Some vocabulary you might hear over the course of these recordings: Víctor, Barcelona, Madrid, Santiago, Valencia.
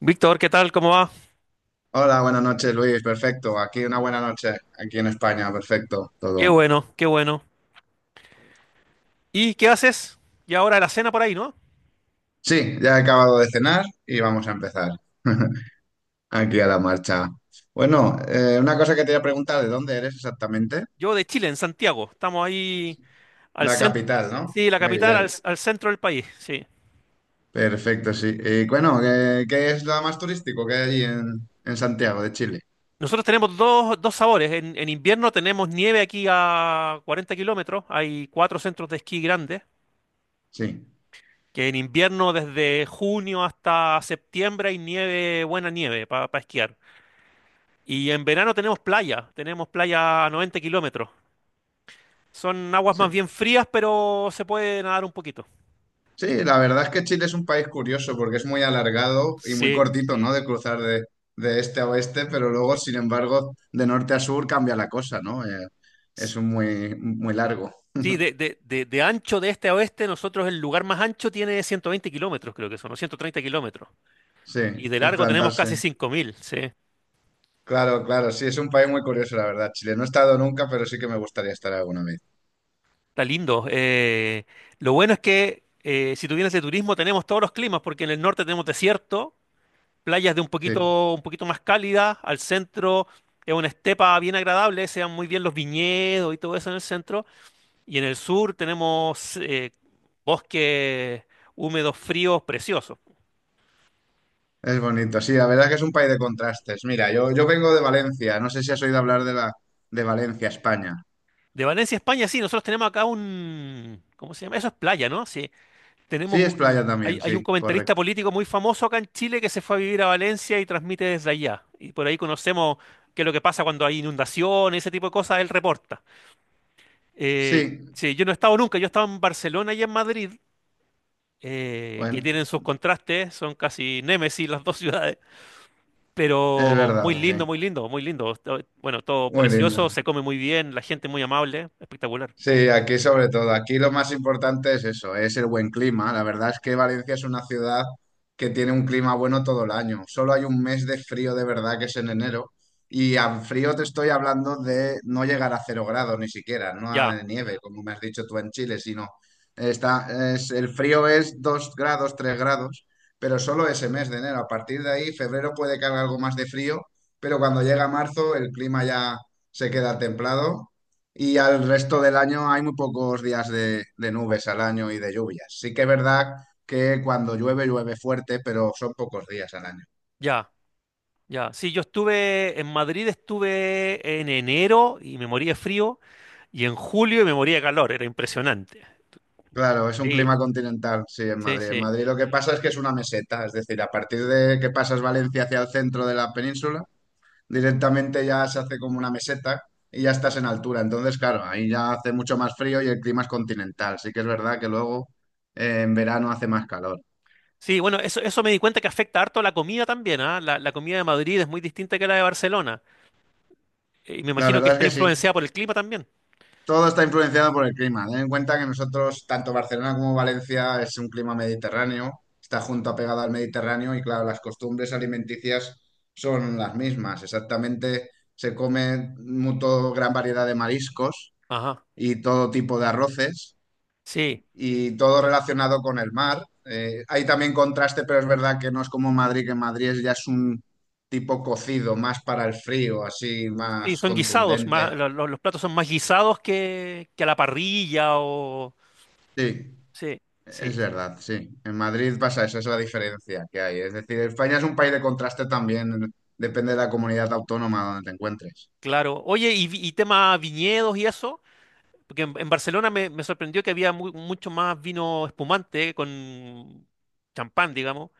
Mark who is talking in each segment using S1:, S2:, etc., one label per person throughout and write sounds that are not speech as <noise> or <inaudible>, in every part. S1: Víctor, ¿qué tal? ¿Cómo va?
S2: Hola, buenas noches, Luis. Perfecto. Aquí una buena noche, aquí en España. Perfecto,
S1: Qué
S2: todo.
S1: bueno, qué bueno. ¿Y qué haces? Y ahora la cena por ahí, ¿no?
S2: Sí, ya he acabado de cenar y vamos a empezar. <laughs> Aquí a la marcha. Bueno, una cosa que te voy a preguntar, ¿de dónde eres exactamente?
S1: Yo de Chile, en Santiago. Estamos ahí al
S2: La
S1: centro,
S2: capital, ¿no?
S1: sí, la
S2: Muy
S1: capital, al,
S2: bien.
S1: al centro del país, sí.
S2: Perfecto, sí. Y bueno, ¿qué es lo más turístico que hay allí en Santiago de Chile?
S1: Nosotros tenemos dos, dos sabores. En invierno tenemos nieve aquí a 40 kilómetros. Hay cuatro centros de esquí grandes,
S2: Sí,
S1: que en invierno desde junio hasta septiembre hay nieve, buena nieve para esquiar. Y en verano tenemos playa a 90 kilómetros. Son aguas más
S2: sí.
S1: bien frías, pero se puede nadar un poquito.
S2: Sí, la verdad es que Chile es un país curioso porque es muy alargado y muy
S1: Sí,
S2: cortito, ¿no? De cruzar de este a oeste, pero luego, sin embargo, de norte a sur cambia la cosa, ¿no? Es un muy, muy largo,
S1: sí, de ancho de este a oeste, nosotros el lugar más ancho tiene 120 kilómetros, creo que son, o 130 kilómetros.
S2: sí,
S1: Y de
S2: es
S1: largo tenemos
S2: plantarse.
S1: casi 5.000. Sí.
S2: Claro, claro, sí, es un país muy curioso, la verdad, Chile. No he estado nunca, pero sí que me gustaría estar alguna vez.
S1: Está lindo. Lo bueno es que si tú vienes de turismo tenemos todos los climas, porque en el norte tenemos desierto, playas de
S2: Sí,
S1: un poquito más cálidas, al centro es una estepa bien agradable, se dan muy bien los viñedos y todo eso en el centro. Y en el sur tenemos bosques húmedos, fríos, preciosos.
S2: es bonito. Sí, la verdad es que es un país de contrastes. Mira, yo vengo de Valencia, no sé si has oído hablar de Valencia, España.
S1: De Valencia, España, sí, nosotros tenemos acá un... ¿Cómo se llama? Eso es playa, ¿no? Sí. Tenemos
S2: Sí, es playa
S1: un... Hay,
S2: también,
S1: hay un
S2: sí,
S1: comentarista
S2: correcto.
S1: político muy famoso acá en Chile que se fue a vivir a Valencia y transmite desde allá. Y por ahí conocemos qué es lo que pasa cuando hay inundaciones, ese tipo de cosas, él reporta. Eh,
S2: Sí,
S1: sí, yo no he estado nunca, yo he estado en Barcelona y en Madrid, que
S2: bueno,
S1: tienen sus contrastes, son casi némesis las dos ciudades.
S2: es
S1: Pero muy
S2: verdad,
S1: lindo,
S2: sí.
S1: muy lindo, muy lindo. Bueno, todo
S2: Muy lindo.
S1: precioso, se come muy bien, la gente muy amable, espectacular.
S2: Sí, aquí sobre todo. Aquí lo más importante es eso, es el buen clima. La verdad es que Valencia es una ciudad que tiene un clima bueno todo el año. Solo hay un mes de frío de verdad que es en enero. Y al frío te estoy hablando de no llegar a 0 grados ni siquiera, no
S1: Ya,
S2: a de nieve, como me has dicho tú en Chile, sino el frío es 2 grados, 3 grados, pero solo ese mes de enero. A partir de ahí, febrero puede que haga algo más de frío, pero cuando llega marzo el clima ya se queda templado y al resto del año hay muy pocos días de nubes al año y de lluvias. Sí que es verdad que cuando llueve, llueve fuerte, pero son pocos días al año.
S1: ya, ya. Sí, yo estuve en Madrid, estuve en enero y me moría de frío, y en julio y me moría de calor, era impresionante.
S2: Claro, es un
S1: Sí,
S2: clima continental, sí, en
S1: sí,
S2: Madrid. En
S1: sí.
S2: Madrid lo que pasa es que es una meseta, es decir, a partir de que pasas Valencia hacia el centro de la península, directamente ya se hace como una meseta y ya estás en altura. Entonces, claro, ahí ya hace mucho más frío y el clima es continental. Sí que es verdad que luego en verano hace más calor.
S1: Sí, bueno, eso me di cuenta que afecta harto la comida también, ¿ah? La comida de Madrid es muy distinta que la de Barcelona. Y me
S2: La
S1: imagino que
S2: verdad
S1: está
S2: es que sí.
S1: influenciada por el clima también.
S2: Todo está influenciado por el clima. Ten en cuenta que nosotros, tanto Barcelona como Valencia, es un clima mediterráneo, está junto a pegado al Mediterráneo y claro, las costumbres alimenticias son las mismas. Exactamente, se come gran variedad de mariscos
S1: Ajá.
S2: y todo tipo de arroces
S1: Sí,
S2: y todo relacionado con el mar. Hay también contraste, pero es verdad que no es como Madrid, que en Madrid ya es un tipo cocido, más para el frío, así,
S1: sí,
S2: más
S1: son guisados,
S2: contundente.
S1: más, los platos son más guisados que a la parrilla o...
S2: Sí.
S1: Sí,
S2: Es
S1: sí, sí,
S2: verdad, sí. En Madrid pasa eso, es la diferencia que hay. Es decir, España es un país de contraste también, depende de la comunidad autónoma donde te encuentres.
S1: claro. Oye, y tema viñedos y eso, porque en Barcelona me sorprendió que había mucho más vino espumante con champán, digamos.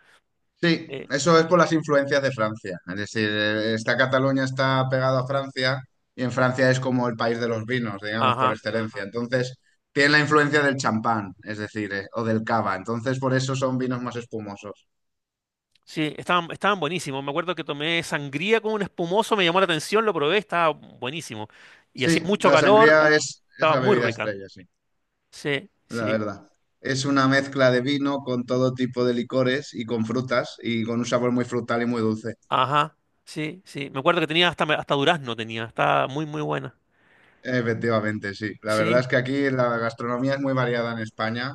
S2: Sí,
S1: Eh,
S2: eso es por las influencias de Francia. Es decir, esta Cataluña está pegada a Francia y en Francia es como el país de los vinos, digamos, por
S1: ajá,
S2: excelencia. Entonces, tiene la influencia del champán, es decir, o del cava. Entonces, por eso son vinos más espumosos.
S1: sí, estaban buenísimos. Me acuerdo que tomé sangría con un espumoso, me llamó la atención, lo probé, estaba buenísimo. Y hacía
S2: Sí,
S1: mucho
S2: la
S1: calor
S2: sangría
S1: y
S2: es
S1: estaba
S2: la
S1: muy
S2: bebida
S1: rica.
S2: estrella, sí,
S1: Sí,
S2: la
S1: sí.
S2: verdad. Es una mezcla de vino con todo tipo de licores y con frutas y con un sabor muy frutal y muy dulce.
S1: Ajá, sí, sí. Me acuerdo que tenía hasta durazno tenía, está muy, muy buena.
S2: Efectivamente, sí. La verdad
S1: Sí,
S2: es que aquí la gastronomía es muy variada en España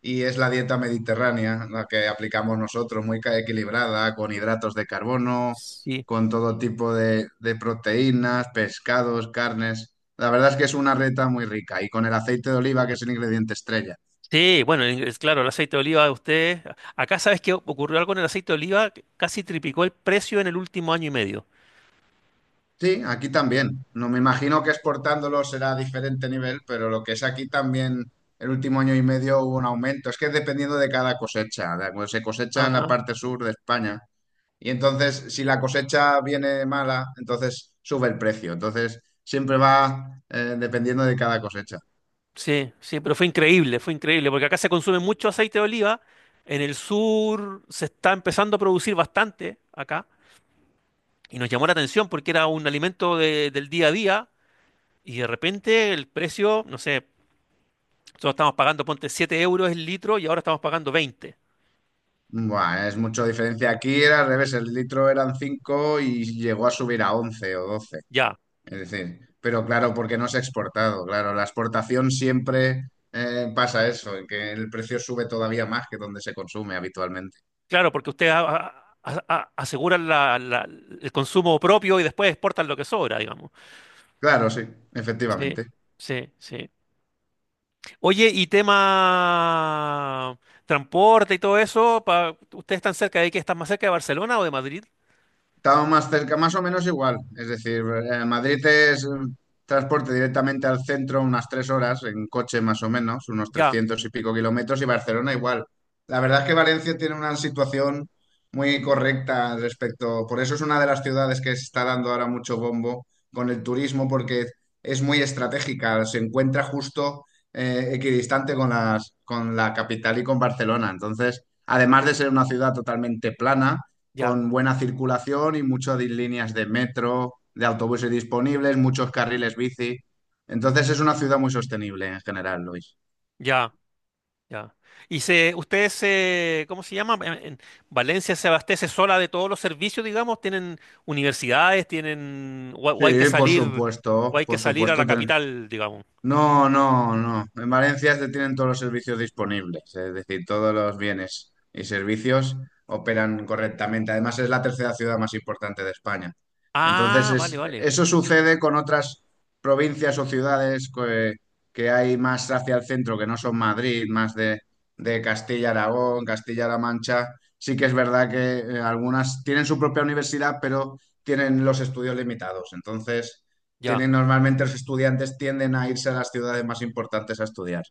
S2: y es la dieta mediterránea la que aplicamos nosotros, muy equilibrada, con hidratos de carbono,
S1: sí.
S2: con todo tipo de proteínas, pescados, carnes. La verdad es que es una reta muy rica y con el aceite de oliva, que es el ingrediente estrella.
S1: Sí, bueno, es claro, el aceite de oliva de ustedes. Acá sabes que ocurrió algo con el aceite de oliva, que casi triplicó el precio en el último año y medio.
S2: Sí, aquí también. No me imagino que exportándolo será diferente nivel, pero lo que es aquí también, el último año y medio hubo un aumento. Es que dependiendo de cada cosecha, de cuando se cosecha en la
S1: Ajá.
S2: parte sur de España. Y entonces, si la cosecha viene mala, entonces sube el precio. Entonces, siempre va dependiendo de cada cosecha.
S1: Sí, sí, pero fue increíble, porque acá se consume mucho aceite de oliva. En el sur se está empezando a producir bastante acá. Y nos llamó la atención porque era un alimento del día a día. Y de repente el precio, no sé. Nosotros estamos pagando, ponte 7 euros el litro y ahora estamos pagando 20.
S2: Buah, es mucha diferencia. Aquí era al revés, el litro eran 5 y llegó a subir a 11 o 12.
S1: Ya,
S2: Es decir, pero claro, porque no se ha exportado, claro, la exportación siempre pasa eso, que el precio sube todavía más que donde se consume habitualmente.
S1: claro, porque ustedes aseguran el consumo propio y después exportan lo que sobra, digamos.
S2: Claro, sí,
S1: Sí,
S2: efectivamente.
S1: sí, sí. Oye, y tema transporte y todo eso, ¿ustedes están cerca de qué? ¿Están más cerca de Barcelona o de Madrid?
S2: Estaba más cerca, más o menos igual. Es decir, Madrid es transporte directamente al centro unas 3 horas, en coche más o menos, unos
S1: Ya,
S2: 300 y pico kilómetros, y Barcelona igual. La verdad es que Valencia tiene una situación muy correcta al respecto. Por eso es una de las ciudades que se está dando ahora mucho bombo con el turismo, porque es muy estratégica, se encuentra justo equidistante con la capital y con Barcelona. Entonces, además de ser una ciudad totalmente plana,
S1: ya,
S2: con buena circulación y muchas líneas de metro, de autobuses disponibles, muchos carriles bici. Entonces es una ciudad muy sostenible en general, Luis.
S1: ya. Ya. Y se, ustedes se, ¿cómo se llama? En Valencia se abastece sola de todos los servicios, digamos, tienen universidades, tienen, o hay que
S2: Sí, por
S1: salir, o
S2: supuesto,
S1: hay que
S2: por
S1: salir a la
S2: supuesto.
S1: capital, digamos.
S2: No, no, no. En Valencia se tienen todos los servicios disponibles, es decir, todos los bienes y servicios operan correctamente. Además, es la tercera ciudad más importante de España. Entonces,
S1: Ah, vale, vale.
S2: eso sucede con otras provincias o ciudades que hay más hacia el centro, que no son Madrid, más de Castilla-Aragón, Castilla-La Mancha. Sí que es verdad que algunas tienen su propia universidad, pero tienen los estudios limitados. Entonces
S1: Ya,
S2: tienen normalmente los estudiantes tienden a irse a las ciudades más importantes a estudiar.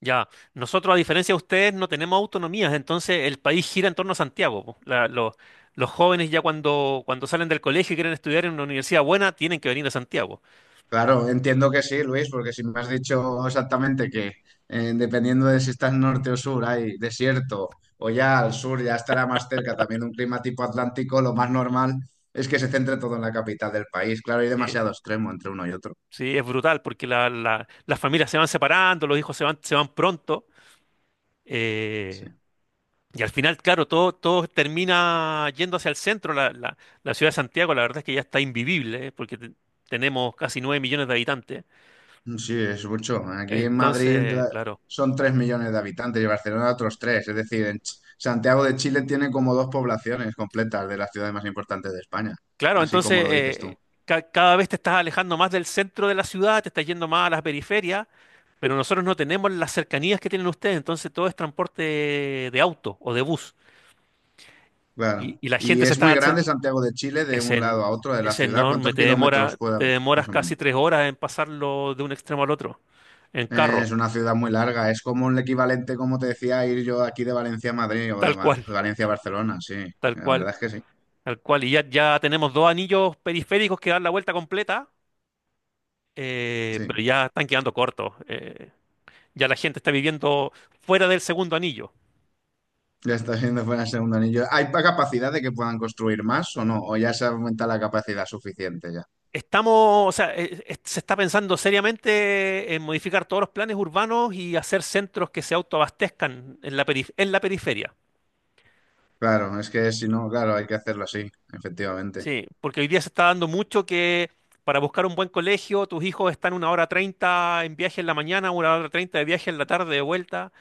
S1: ya. Nosotros, a diferencia de ustedes, no tenemos autonomías, entonces el país gira en torno a Santiago. Po. Los jóvenes ya cuando, salen del colegio y quieren estudiar en una universidad buena, tienen que venir a Santiago.
S2: Claro, entiendo que sí, Luis, porque si me has dicho exactamente que dependiendo de si estás norte o sur hay desierto o ya al sur ya estará más cerca también un clima tipo atlántico, lo más normal es que se centre todo en la capital del país. Claro, hay
S1: Sí,
S2: demasiado extremo entre uno y otro.
S1: sí, es brutal porque las familias se van separando, los hijos se van pronto.
S2: Sí.
S1: Eh, y al final, claro, todo termina yendo hacia el centro. La ciudad de Santiago, la verdad es que ya está invivible, porque tenemos casi 9 millones de habitantes.
S2: Sí, es mucho. Aquí en Madrid
S1: Entonces, claro.
S2: son 3 millones de habitantes y Barcelona otros 3. Es decir, en Santiago de Chile tiene como dos poblaciones completas de las ciudades más importantes de España,
S1: Claro,
S2: así como
S1: entonces
S2: lo dices tú.
S1: cada vez te estás alejando más del centro de la ciudad, te estás yendo más a las periferias, pero nosotros no tenemos las cercanías que tienen ustedes, entonces todo es transporte de auto o de bus. Y,
S2: Claro.
S1: y la
S2: Y
S1: gente se
S2: es muy
S1: está, se-
S2: grande Santiago de Chile de
S1: Es,
S2: un
S1: en-
S2: lado a otro de la
S1: es
S2: ciudad.
S1: enorme,
S2: ¿Cuántos
S1: te
S2: kilómetros
S1: demora,
S2: puede
S1: te
S2: haber,
S1: demoras
S2: más o menos?
S1: casi 3 horas en pasarlo de un extremo al otro, en carro,
S2: Es una ciudad muy larga. Es como el equivalente, como te decía, a ir yo aquí de Valencia a Madrid o de,
S1: tal
S2: Ma-
S1: cual,
S2: de Valencia a Barcelona. Sí,
S1: tal
S2: la
S1: cual,
S2: verdad es que sí.
S1: tal cual. Y ya tenemos dos anillos periféricos que dan la vuelta completa, pero
S2: Sí.
S1: ya están quedando cortos. Ya la gente está viviendo fuera del segundo anillo.
S2: Ya está siendo fuera el segundo anillo. ¿Hay capacidad de que puedan construir más o no? ¿O ya se aumenta la capacidad suficiente ya?
S1: Estamos, o sea, se está pensando seriamente en modificar todos los planes urbanos y hacer centros que se autoabastezcan en la periferia.
S2: Claro, es que si no, claro, hay que hacerlo así, efectivamente.
S1: Sí, porque hoy día se está dando mucho que para buscar un buen colegio, tus hijos están una hora treinta en viaje en la mañana, una hora treinta de viaje en la tarde de vuelta.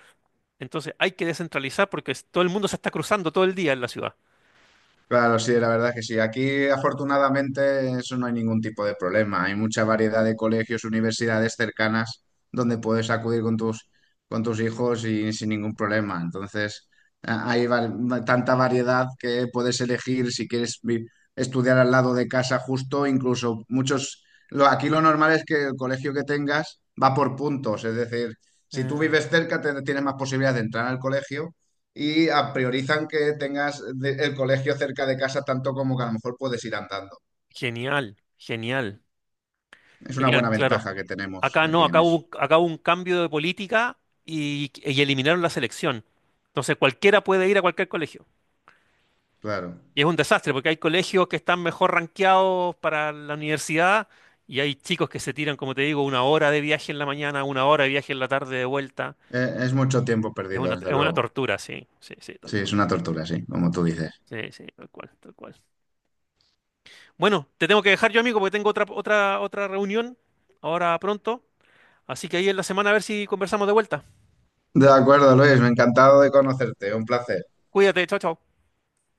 S1: Entonces hay que descentralizar porque todo el mundo se está cruzando todo el día en la ciudad.
S2: Claro, sí, la verdad es que sí. Aquí, afortunadamente, eso no hay ningún tipo de problema. Hay mucha variedad de colegios, universidades cercanas donde puedes acudir con tus hijos y sin ningún problema. Entonces, hay tanta variedad que puedes elegir si quieres estudiar al lado de casa justo, incluso muchos. Aquí lo normal es que el colegio que tengas va por puntos, es decir, si tú
S1: Eh,
S2: vives cerca, tienes más posibilidades de entrar al colegio y priorizan que tengas el colegio cerca de casa tanto como que a lo mejor puedes ir andando.
S1: Genial, genial,
S2: Es una
S1: genial,
S2: buena
S1: claro.
S2: ventaja que tenemos
S1: Acá no,
S2: aquí en
S1: acá
S2: eso.
S1: hubo, acá hubo un cambio de política y eliminaron la selección. Entonces cualquiera puede ir a cualquier colegio.
S2: Claro.
S1: Y es un desastre porque hay colegios que están mejor rankeados para la universidad y hay chicos que se tiran, como te digo, una hora de viaje en la mañana, una hora de viaje en la tarde de vuelta.
S2: Es mucho tiempo
S1: Es
S2: perdido,
S1: una,
S2: desde
S1: es una
S2: luego.
S1: tortura, sí, sí, sí, tal
S2: Sí,
S1: cual.
S2: es una tortura, sí, como tú dices.
S1: Sí, sí, tal cual, tal cual. Bueno, te tengo que dejar yo, amigo, porque tengo otra reunión ahora pronto. Así que ahí en la semana a ver si conversamos de vuelta.
S2: De acuerdo, Luis, me ha encantado de conocerte. Un placer.
S1: Cuídate, chao, chao.